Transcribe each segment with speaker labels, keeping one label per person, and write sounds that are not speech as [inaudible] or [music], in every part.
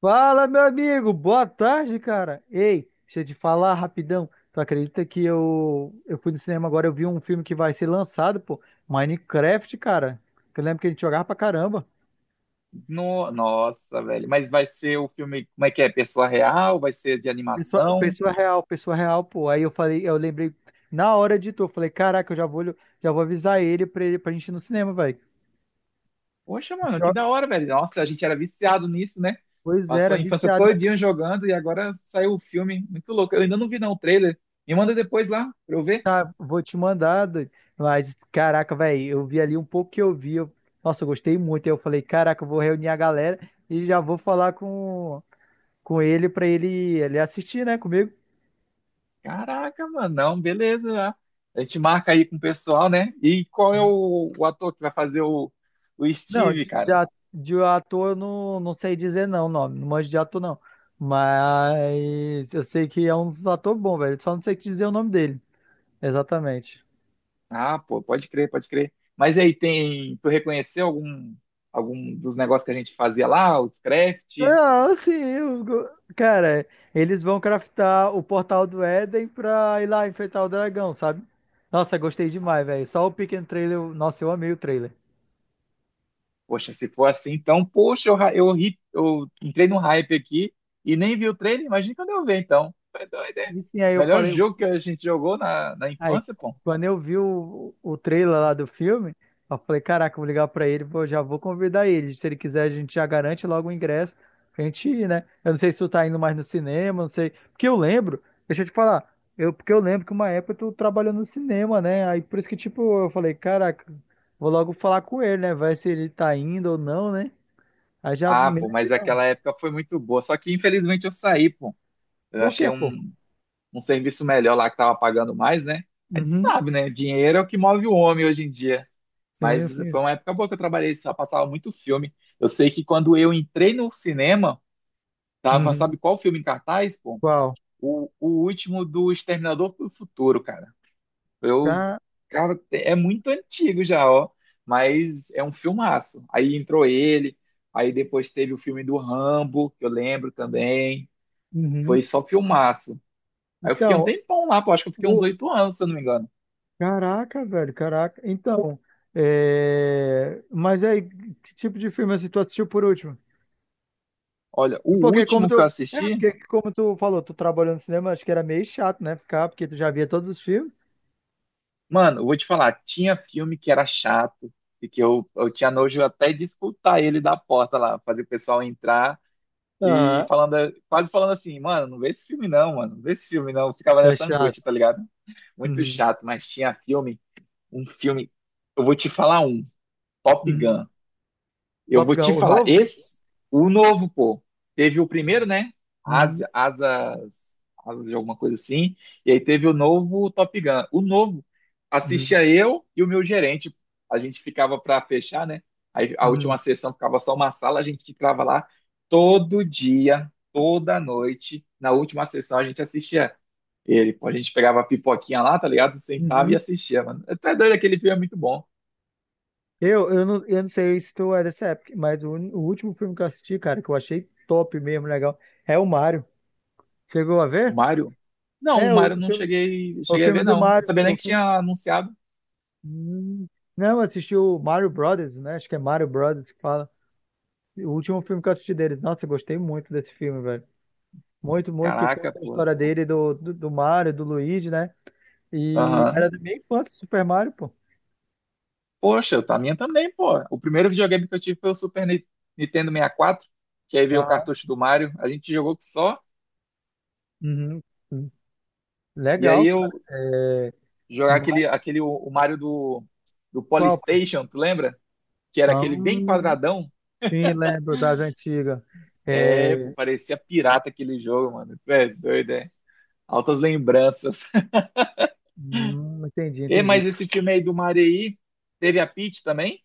Speaker 1: Fala, meu amigo, boa tarde, cara. Ei, deixa eu te falar rapidão. Tu acredita que eu fui no cinema agora, eu vi um filme que vai ser lançado, pô, Minecraft, cara. Que eu lembro que a gente jogava pra caramba.
Speaker 2: Nossa, velho. Mas vai ser o filme, como é que é? Pessoa real? Vai ser de
Speaker 1: Pessoa,
Speaker 2: animação?
Speaker 1: pessoa real, pessoa real, pô. Aí eu falei, eu lembrei na hora de tu, eu falei, caraca, já vou avisar ele pra gente ir no cinema, velho.
Speaker 2: Poxa, mano, que
Speaker 1: Jo-
Speaker 2: da hora, velho. Nossa, a gente era viciado nisso, né?
Speaker 1: Pois
Speaker 2: Passou
Speaker 1: era,
Speaker 2: a infância
Speaker 1: viciado.
Speaker 2: todinha jogando e agora saiu o filme. Muito louco. Eu ainda não vi, não, o trailer. Me manda depois lá pra eu ver.
Speaker 1: Tá, vou te mandar, doido. Mas, caraca, velho, eu vi ali um pouco que eu vi. Nossa, eu gostei muito. Aí eu falei, caraca, eu vou reunir a galera e já vou com ele ele assistir, né, comigo.
Speaker 2: Caraca, mano. Não, beleza. Já. A gente marca aí com o pessoal, né? E qual é o ator que vai fazer o
Speaker 1: Não,
Speaker 2: Steve,
Speaker 1: de, de
Speaker 2: cara?
Speaker 1: a- de ator eu não sei dizer não, o nome. Não manjo de ator, não. Mas eu sei que é um ator bom, velho. Só não sei dizer o nome dele. Exatamente.
Speaker 2: Ah, pô, pode crer, pode crer. Mas e aí tem, tu reconheceu algum dos negócios que a gente fazia lá, os craft?
Speaker 1: Não, sim. Cara, eles vão craftar o portal do Éden pra ir lá enfrentar o dragão, sabe? Nossa, gostei demais, velho. Só o pequeno trailer. Nossa, eu amei o trailer.
Speaker 2: Poxa, se for assim, então, poxa, eu, ra- eu, ri- eu entrei num hype aqui e nem vi o trailer, imagina quando eu ver, então. Foi doido, hein?
Speaker 1: E sim, aí eu
Speaker 2: Melhor
Speaker 1: falei,
Speaker 2: jogo que a gente jogou na
Speaker 1: aí,
Speaker 2: infância, pô.
Speaker 1: quando eu vi o trailer lá do filme, eu falei, caraca, eu vou ligar pra ele, vou, já vou convidar ele. Se ele quiser, a gente já garante logo o ingresso pra gente ir, né? Eu não sei se tu tá indo mais no cinema, não sei. Porque eu lembro, deixa eu te falar, eu, Porque eu lembro que uma época tu trabalhou no cinema, né? Aí por isso que, tipo, eu falei, caraca, vou logo falar com ele, né? Vai se ele tá indo ou não, né? Aí já
Speaker 2: Ah,
Speaker 1: me
Speaker 2: pô,
Speaker 1: lembrei,
Speaker 2: mas
Speaker 1: não.
Speaker 2: aquela época foi muito boa. Só que infelizmente eu saí, pô. Eu
Speaker 1: Por
Speaker 2: achei
Speaker 1: quê, pô?
Speaker 2: um serviço melhor lá que tava pagando mais, né? A gente
Speaker 1: Uhum.
Speaker 2: sabe, né? Dinheiro é o que move o homem hoje em dia.
Speaker 1: Sim,
Speaker 2: Mas foi
Speaker 1: sim.
Speaker 2: uma época boa que eu trabalhei, só passava muito filme. Eu sei que quando eu entrei no cinema, tava,
Speaker 1: Uhum.
Speaker 2: sabe qual filme em cartaz, pô?
Speaker 1: Qual?
Speaker 2: O último do Exterminador do Futuro, cara. Eu,
Speaker 1: Já.
Speaker 2: Cara, é muito antigo já, ó, mas é um filmaço. Aí entrou ele, aí depois teve o filme do Rambo, que eu lembro também.
Speaker 1: Uhum.
Speaker 2: Foi só filmaço. Aí eu fiquei um
Speaker 1: Então,
Speaker 2: tempão lá, pô, acho que eu fiquei uns
Speaker 1: o,
Speaker 2: 8 anos, se eu não me engano.
Speaker 1: caraca, velho, caraca. Então, é... mas aí, que tipo de filme assim, tu assistiu por último?
Speaker 2: Olha, o último que eu assisti.
Speaker 1: Porque como tu falou, tu trabalhou no cinema, acho que era meio chato, né, ficar, porque tu já via todos os filmes.
Speaker 2: Mano, eu vou te falar, tinha filme que era chato e que eu tinha nojo até de escutar ele da porta lá, fazer o pessoal entrar e
Speaker 1: Ah,
Speaker 2: falando, quase falando assim, mano, não vê esse filme não, mano, não vê esse filme não. Eu ficava
Speaker 1: é
Speaker 2: nessa
Speaker 1: chato.
Speaker 2: angústia, tá ligado? Muito
Speaker 1: Uhum,
Speaker 2: chato, mas tinha filme, um filme, eu vou te falar um, Top
Speaker 1: uhum.
Speaker 2: Gun. Eu
Speaker 1: Top
Speaker 2: vou
Speaker 1: Gun,
Speaker 2: te
Speaker 1: o
Speaker 2: falar,
Speaker 1: novo?
Speaker 2: esse, o novo, pô, teve o primeiro, né?
Speaker 1: Uhum,
Speaker 2: Asas de alguma coisa assim. E aí teve o novo Top Gun. O novo,
Speaker 1: uhum,
Speaker 2: assistia eu e o meu gerente. A gente ficava pra fechar, né? Aí a
Speaker 1: uhum,
Speaker 2: última sessão ficava só uma sala, a gente ficava lá todo dia, toda noite. Na última sessão a gente assistia ele, pô. A gente pegava a pipoquinha lá, tá ligado? Sentava e
Speaker 1: uhum.
Speaker 2: assistia, mano. Até doido, aquele filme é muito bom.
Speaker 1: Eu não sei se tu é dessa época, mas o último filme que eu assisti, cara, que eu achei top mesmo, legal, é o Mario. Chegou a
Speaker 2: O
Speaker 1: ver?
Speaker 2: Mario? Não, o
Speaker 1: É,
Speaker 2: Mario eu não cheguei,
Speaker 1: o
Speaker 2: cheguei a
Speaker 1: filme
Speaker 2: ver,
Speaker 1: do
Speaker 2: não. Eu não
Speaker 1: Mario.
Speaker 2: sabia nem que tinha anunciado.
Speaker 1: Hum. Não, eu assisti o Mario Brothers, né? Acho que é Mario Brothers que fala. O último filme que eu assisti deles. Nossa, eu gostei muito desse filme, velho. Muito, muito, que
Speaker 2: Caraca,
Speaker 1: conta a
Speaker 2: pô.
Speaker 1: história dele, do Mario, do Luigi, né? E
Speaker 2: Aham.
Speaker 1: era da minha infância, Super Mario, pô.
Speaker 2: Poxa, tá a minha também, pô. O primeiro videogame que eu tive foi o Super Nintendo 64, que aí veio o
Speaker 1: Ah,
Speaker 2: cartucho do Mario. A gente jogou que só.
Speaker 1: uhum. Hum.
Speaker 2: E aí
Speaker 1: Legal, cara.
Speaker 2: eu
Speaker 1: É...
Speaker 2: jogar
Speaker 1: Mario
Speaker 2: aquele o Mario do
Speaker 1: qual, pô?
Speaker 2: Polystation, tu lembra? Que era
Speaker 1: Ah,
Speaker 2: aquele bem quadradão.
Speaker 1: sim, lembro das antigas.
Speaker 2: É, pô,
Speaker 1: É...
Speaker 2: parecia pirata aquele jogo, mano. Tu é doido, é. Altas lembranças.
Speaker 1: entendi,
Speaker 2: [laughs] E,
Speaker 1: entendi.
Speaker 2: mas esse time aí do Mario aí, teve a Peach também?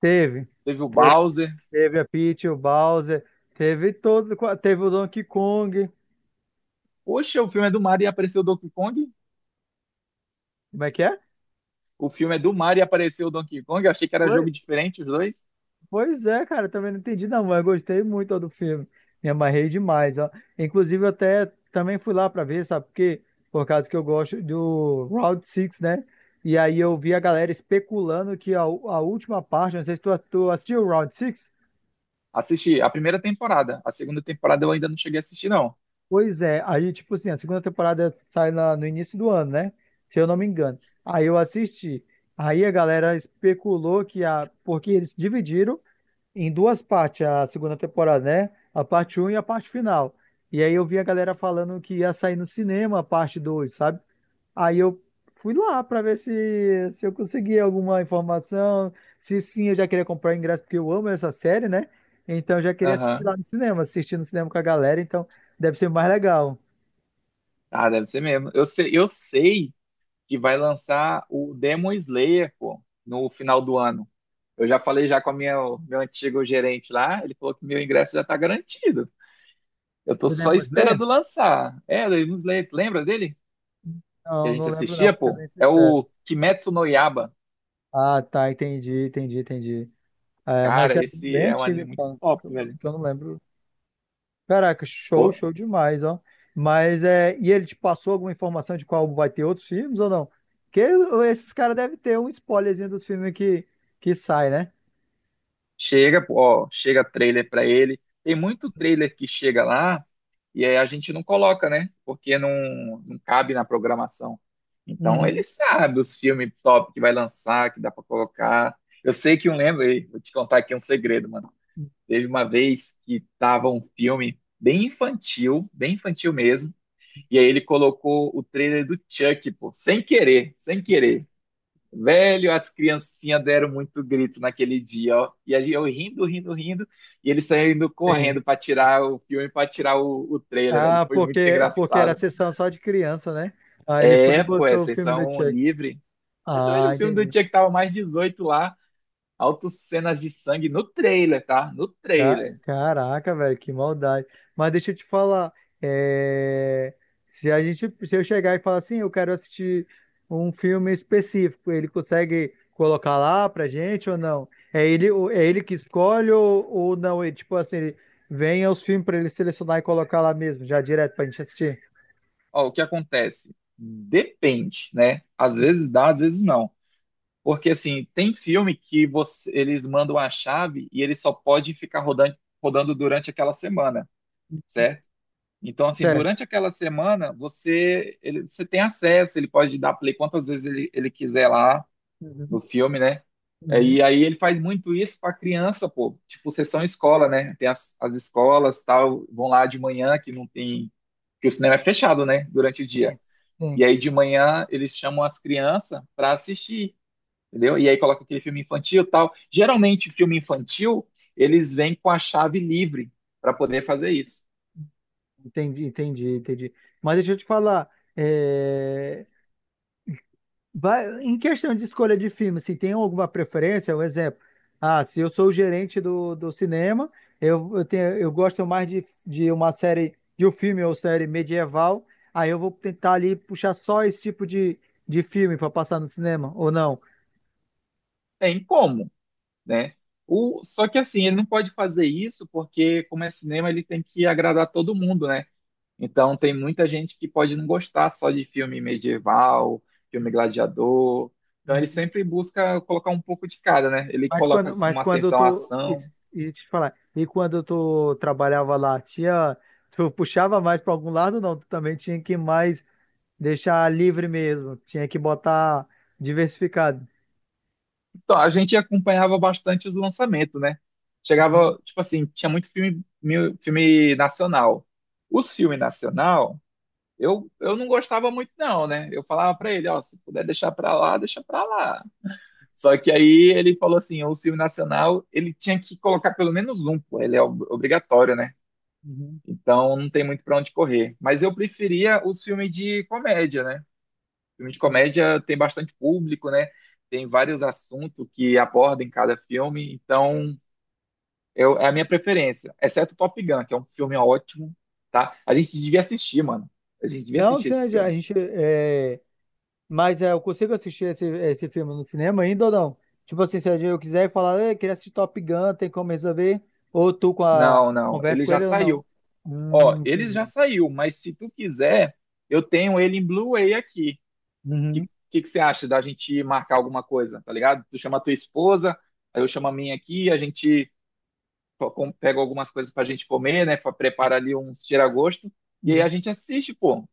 Speaker 1: Teve,
Speaker 2: Teve o
Speaker 1: teve,
Speaker 2: Bowser.
Speaker 1: teve a Peach, o Bowser, teve todo, teve o Donkey Kong.
Speaker 2: Poxa, o filme é do Mario e apareceu o Donkey Kong?
Speaker 1: Como é que é?
Speaker 2: O filme é do Mario e apareceu o Donkey Kong? Eu achei que era jogo
Speaker 1: Pois,
Speaker 2: diferente, os dois.
Speaker 1: Pois é, cara, também não entendi não, mas gostei muito, ó, do filme. Me amarrei demais, ó. Inclusive, eu até também fui lá pra ver, sabe por quê? Por causa que eu gosto do Round Six, né? E aí eu vi a galera especulando a última parte, não sei se tu, tu assistiu o Round Six.
Speaker 2: Assisti a primeira temporada. A segunda temporada eu ainda não cheguei a assistir, não.
Speaker 1: Pois é, aí, tipo assim, a segunda temporada sai no início do ano, né? Se eu não me engano. Aí eu assisti. Aí a galera especulou que a, porque eles dividiram em duas partes a segunda temporada, né? A parte um e a parte final. E aí eu vi a galera falando que ia sair no cinema a parte 2, sabe? Aí eu fui lá pra ver se eu conseguia alguma informação. Se sim, eu já queria comprar o ingresso, porque eu amo essa série, né? Então eu já queria assistir
Speaker 2: Aham.
Speaker 1: lá no cinema, assistir no cinema com a galera, então deve ser mais legal.
Speaker 2: Ah, deve ser mesmo. Eu sei que vai lançar o Demon Slayer, pô, no final do ano. Eu já falei já com meu antigo gerente lá, ele falou que meu ingresso já tá garantido. Eu tô
Speaker 1: Do
Speaker 2: só
Speaker 1: Demon Slayer?
Speaker 2: esperando lançar. É, Demon Slayer, tu lembra dele? Que a
Speaker 1: Não, não
Speaker 2: gente
Speaker 1: lembro não,
Speaker 2: assistia,
Speaker 1: pra ser
Speaker 2: pô?
Speaker 1: bem
Speaker 2: É
Speaker 1: sincero.
Speaker 2: o Kimetsu no Yaiba.
Speaker 1: Ah, tá, entendi, entendi, entendi. É, mas
Speaker 2: Cara,
Speaker 1: é
Speaker 2: esse
Speaker 1: bem
Speaker 2: é um
Speaker 1: antigo,
Speaker 2: anime muito
Speaker 1: então, que
Speaker 2: top,
Speaker 1: eu
Speaker 2: velho.
Speaker 1: que eu não lembro. Caraca, show,
Speaker 2: Pô,
Speaker 1: show demais, ó. Mas é, e ele te passou alguma informação de qual vai ter outros filmes ou não? Porque esses caras devem ter um spoilerzinho dos filmes que sai, né?
Speaker 2: chega, pô, ó, chega trailer pra ele. Tem muito trailer que chega lá e aí a gente não coloca, né? Porque não cabe na programação. Então ele
Speaker 1: Uhum.
Speaker 2: sabe os filmes top que vai lançar, que dá pra colocar. Eu sei que um lembro, aí, vou te contar aqui um segredo, mano. Teve uma vez que tava um filme bem infantil mesmo, e aí ele colocou o trailer do Chuck, pô, sem querer, sem querer. Velho, as criancinhas deram muito grito naquele dia, ó. E aí eu rindo, rindo, rindo, e eles saindo
Speaker 1: Sim.
Speaker 2: correndo pra tirar o filme, pra tirar o trailer, velho.
Speaker 1: Ah,
Speaker 2: Foi muito
Speaker 1: porque, porque era
Speaker 2: engraçado.
Speaker 1: sessão só de criança, né? Ah, ele foi e
Speaker 2: É, pô, é
Speaker 1: botou o filme do
Speaker 2: sessão
Speaker 1: Chuck.
Speaker 2: livre. É doido,
Speaker 1: Ah,
Speaker 2: o filme do
Speaker 1: entendi.
Speaker 2: Tia que tava mais 18 lá, altas cenas de sangue no trailer, tá? No trailer.
Speaker 1: Caraca, velho, que maldade. Mas deixa eu te falar, é, se a gente, se eu chegar e falar assim, eu quero assistir um filme específico, ele consegue colocar lá pra gente ou não? É ele, é ele que escolhe ou não? Ele, tipo assim, ele vem aos filmes pra ele selecionar e colocar lá mesmo, já direto pra gente assistir.
Speaker 2: Ó, o que acontece? Depende, né? Às vezes dá, às vezes não. Porque assim, tem filme que eles mandam a chave e ele só pode ficar rodando, rodando durante aquela semana. Certo? Então, assim,
Speaker 1: Certo.
Speaker 2: durante aquela semana, você tem acesso, ele pode dar play quantas vezes ele quiser lá
Speaker 1: Uhum,
Speaker 2: no filme, né? É,
Speaker 1: uhum.
Speaker 2: e aí ele faz muito isso para criança, pô. Tipo, sessão escola, né? Tem as escolas, tal, vão lá de manhã que não tem, que o cinema é fechado, né? Durante o dia.
Speaker 1: Sim,
Speaker 2: E
Speaker 1: sim.
Speaker 2: aí de manhã eles chamam as crianças para assistir, entendeu? E aí coloca aquele filme infantil, tal. Geralmente filme infantil eles vêm com a chave livre para poder fazer isso.
Speaker 1: Entendi, entendi, entendi. Mas deixa eu te falar, eh, vai, em questão de escolha de filme, se tem alguma preferência, um exemplo. Ah, se eu sou o gerente do cinema, tenho, eu gosto mais de uma série, de um filme ou série medieval, aí eu vou tentar ali puxar só esse tipo de filme para passar no cinema, ou não.
Speaker 2: Tem como, né? Só que assim, ele não pode fazer isso porque, como é cinema, ele tem que agradar todo mundo, né? Então tem muita gente que pode não gostar só de filme medieval, filme gladiador. Então ele
Speaker 1: Uhum.
Speaker 2: sempre busca colocar um pouco de cada, né? Ele coloca
Speaker 1: Mas
Speaker 2: numa
Speaker 1: quando eu
Speaker 2: ascensão a
Speaker 1: tô.
Speaker 2: ação.
Speaker 1: E deixa eu te falar, e quando eu tô, trabalhava lá, tinha. Tu puxava mais para algum lado, não. Tu também tinha que mais deixar livre mesmo. Tinha que botar diversificado.
Speaker 2: Então a gente acompanhava bastante os lançamentos, né?
Speaker 1: Uhum,
Speaker 2: Chegava, tipo assim, tinha muito filme, filme nacional. Os filmes nacional, eu não gostava muito não, né? Eu falava pra ele, ó, se puder deixar pra lá, deixa pra lá. Só que aí ele falou assim, o filme nacional, ele tinha que colocar pelo menos um, pô, ele é obrigatório, né?
Speaker 1: uhum,
Speaker 2: Então não tem muito pra onde correr. Mas eu preferia os filmes de comédia, né? Filme de
Speaker 1: uhum.
Speaker 2: comédia tem bastante público, né? Tem vários assuntos que aborda em cada filme, então é a minha preferência, exceto Top Gun, que é um filme ótimo, tá? A gente devia assistir, mano. A gente devia
Speaker 1: Não,
Speaker 2: assistir
Speaker 1: sim,
Speaker 2: esse
Speaker 1: a
Speaker 2: filme.
Speaker 1: gente. É... Mas é, eu consigo assistir esse filme no cinema ainda ou não? Tipo assim, se eu quiser e falar, eu queria assistir Top Gun, tem como resolver? Ou tu com a
Speaker 2: Não, não,
Speaker 1: conversa
Speaker 2: ele
Speaker 1: com
Speaker 2: já
Speaker 1: ele ou não?
Speaker 2: saiu. Ó, ele já
Speaker 1: Entendi.
Speaker 2: saiu, mas se tu quiser, eu tenho ele em Blu-ray aqui. que,
Speaker 1: Uhum,
Speaker 2: que você acha da gente marcar alguma coisa, tá ligado? Tu chama a tua esposa, aí eu chamo a minha aqui, a gente pega algumas coisas pra gente comer, né? Prepara ali uns tira-gosto, e aí a
Speaker 1: uhum.
Speaker 2: gente assiste, pô,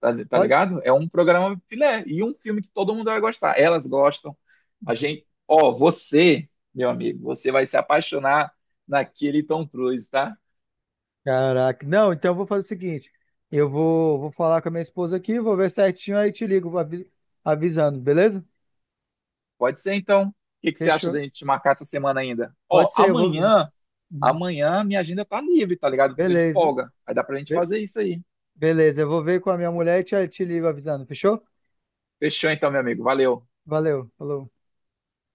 Speaker 2: tá, tá
Speaker 1: Pode?
Speaker 2: ligado? É um programa filé, e um filme que todo mundo vai gostar. Elas gostam, a gente. Ó, você, meu amigo, você vai se apaixonar naquele Tom Cruise, tá?
Speaker 1: Caraca. Não, então eu vou fazer o seguinte: vou falar com a minha esposa aqui, vou ver certinho, aí te ligo avisando, beleza?
Speaker 2: Pode ser então. O que que você acha
Speaker 1: Fechou.
Speaker 2: da gente marcar essa semana ainda? Ó,
Speaker 1: Pode ser, eu vou.
Speaker 2: amanhã,
Speaker 1: Uhum.
Speaker 2: amanhã minha agenda tá livre, tá ligado? Tô de
Speaker 1: Beleza.
Speaker 2: folga. Aí dá pra gente fazer isso aí.
Speaker 1: Beleza, eu vou ver com a minha mulher e te ligo avisando, fechou?
Speaker 2: Fechou então, meu amigo. Valeu.
Speaker 1: Valeu, falou.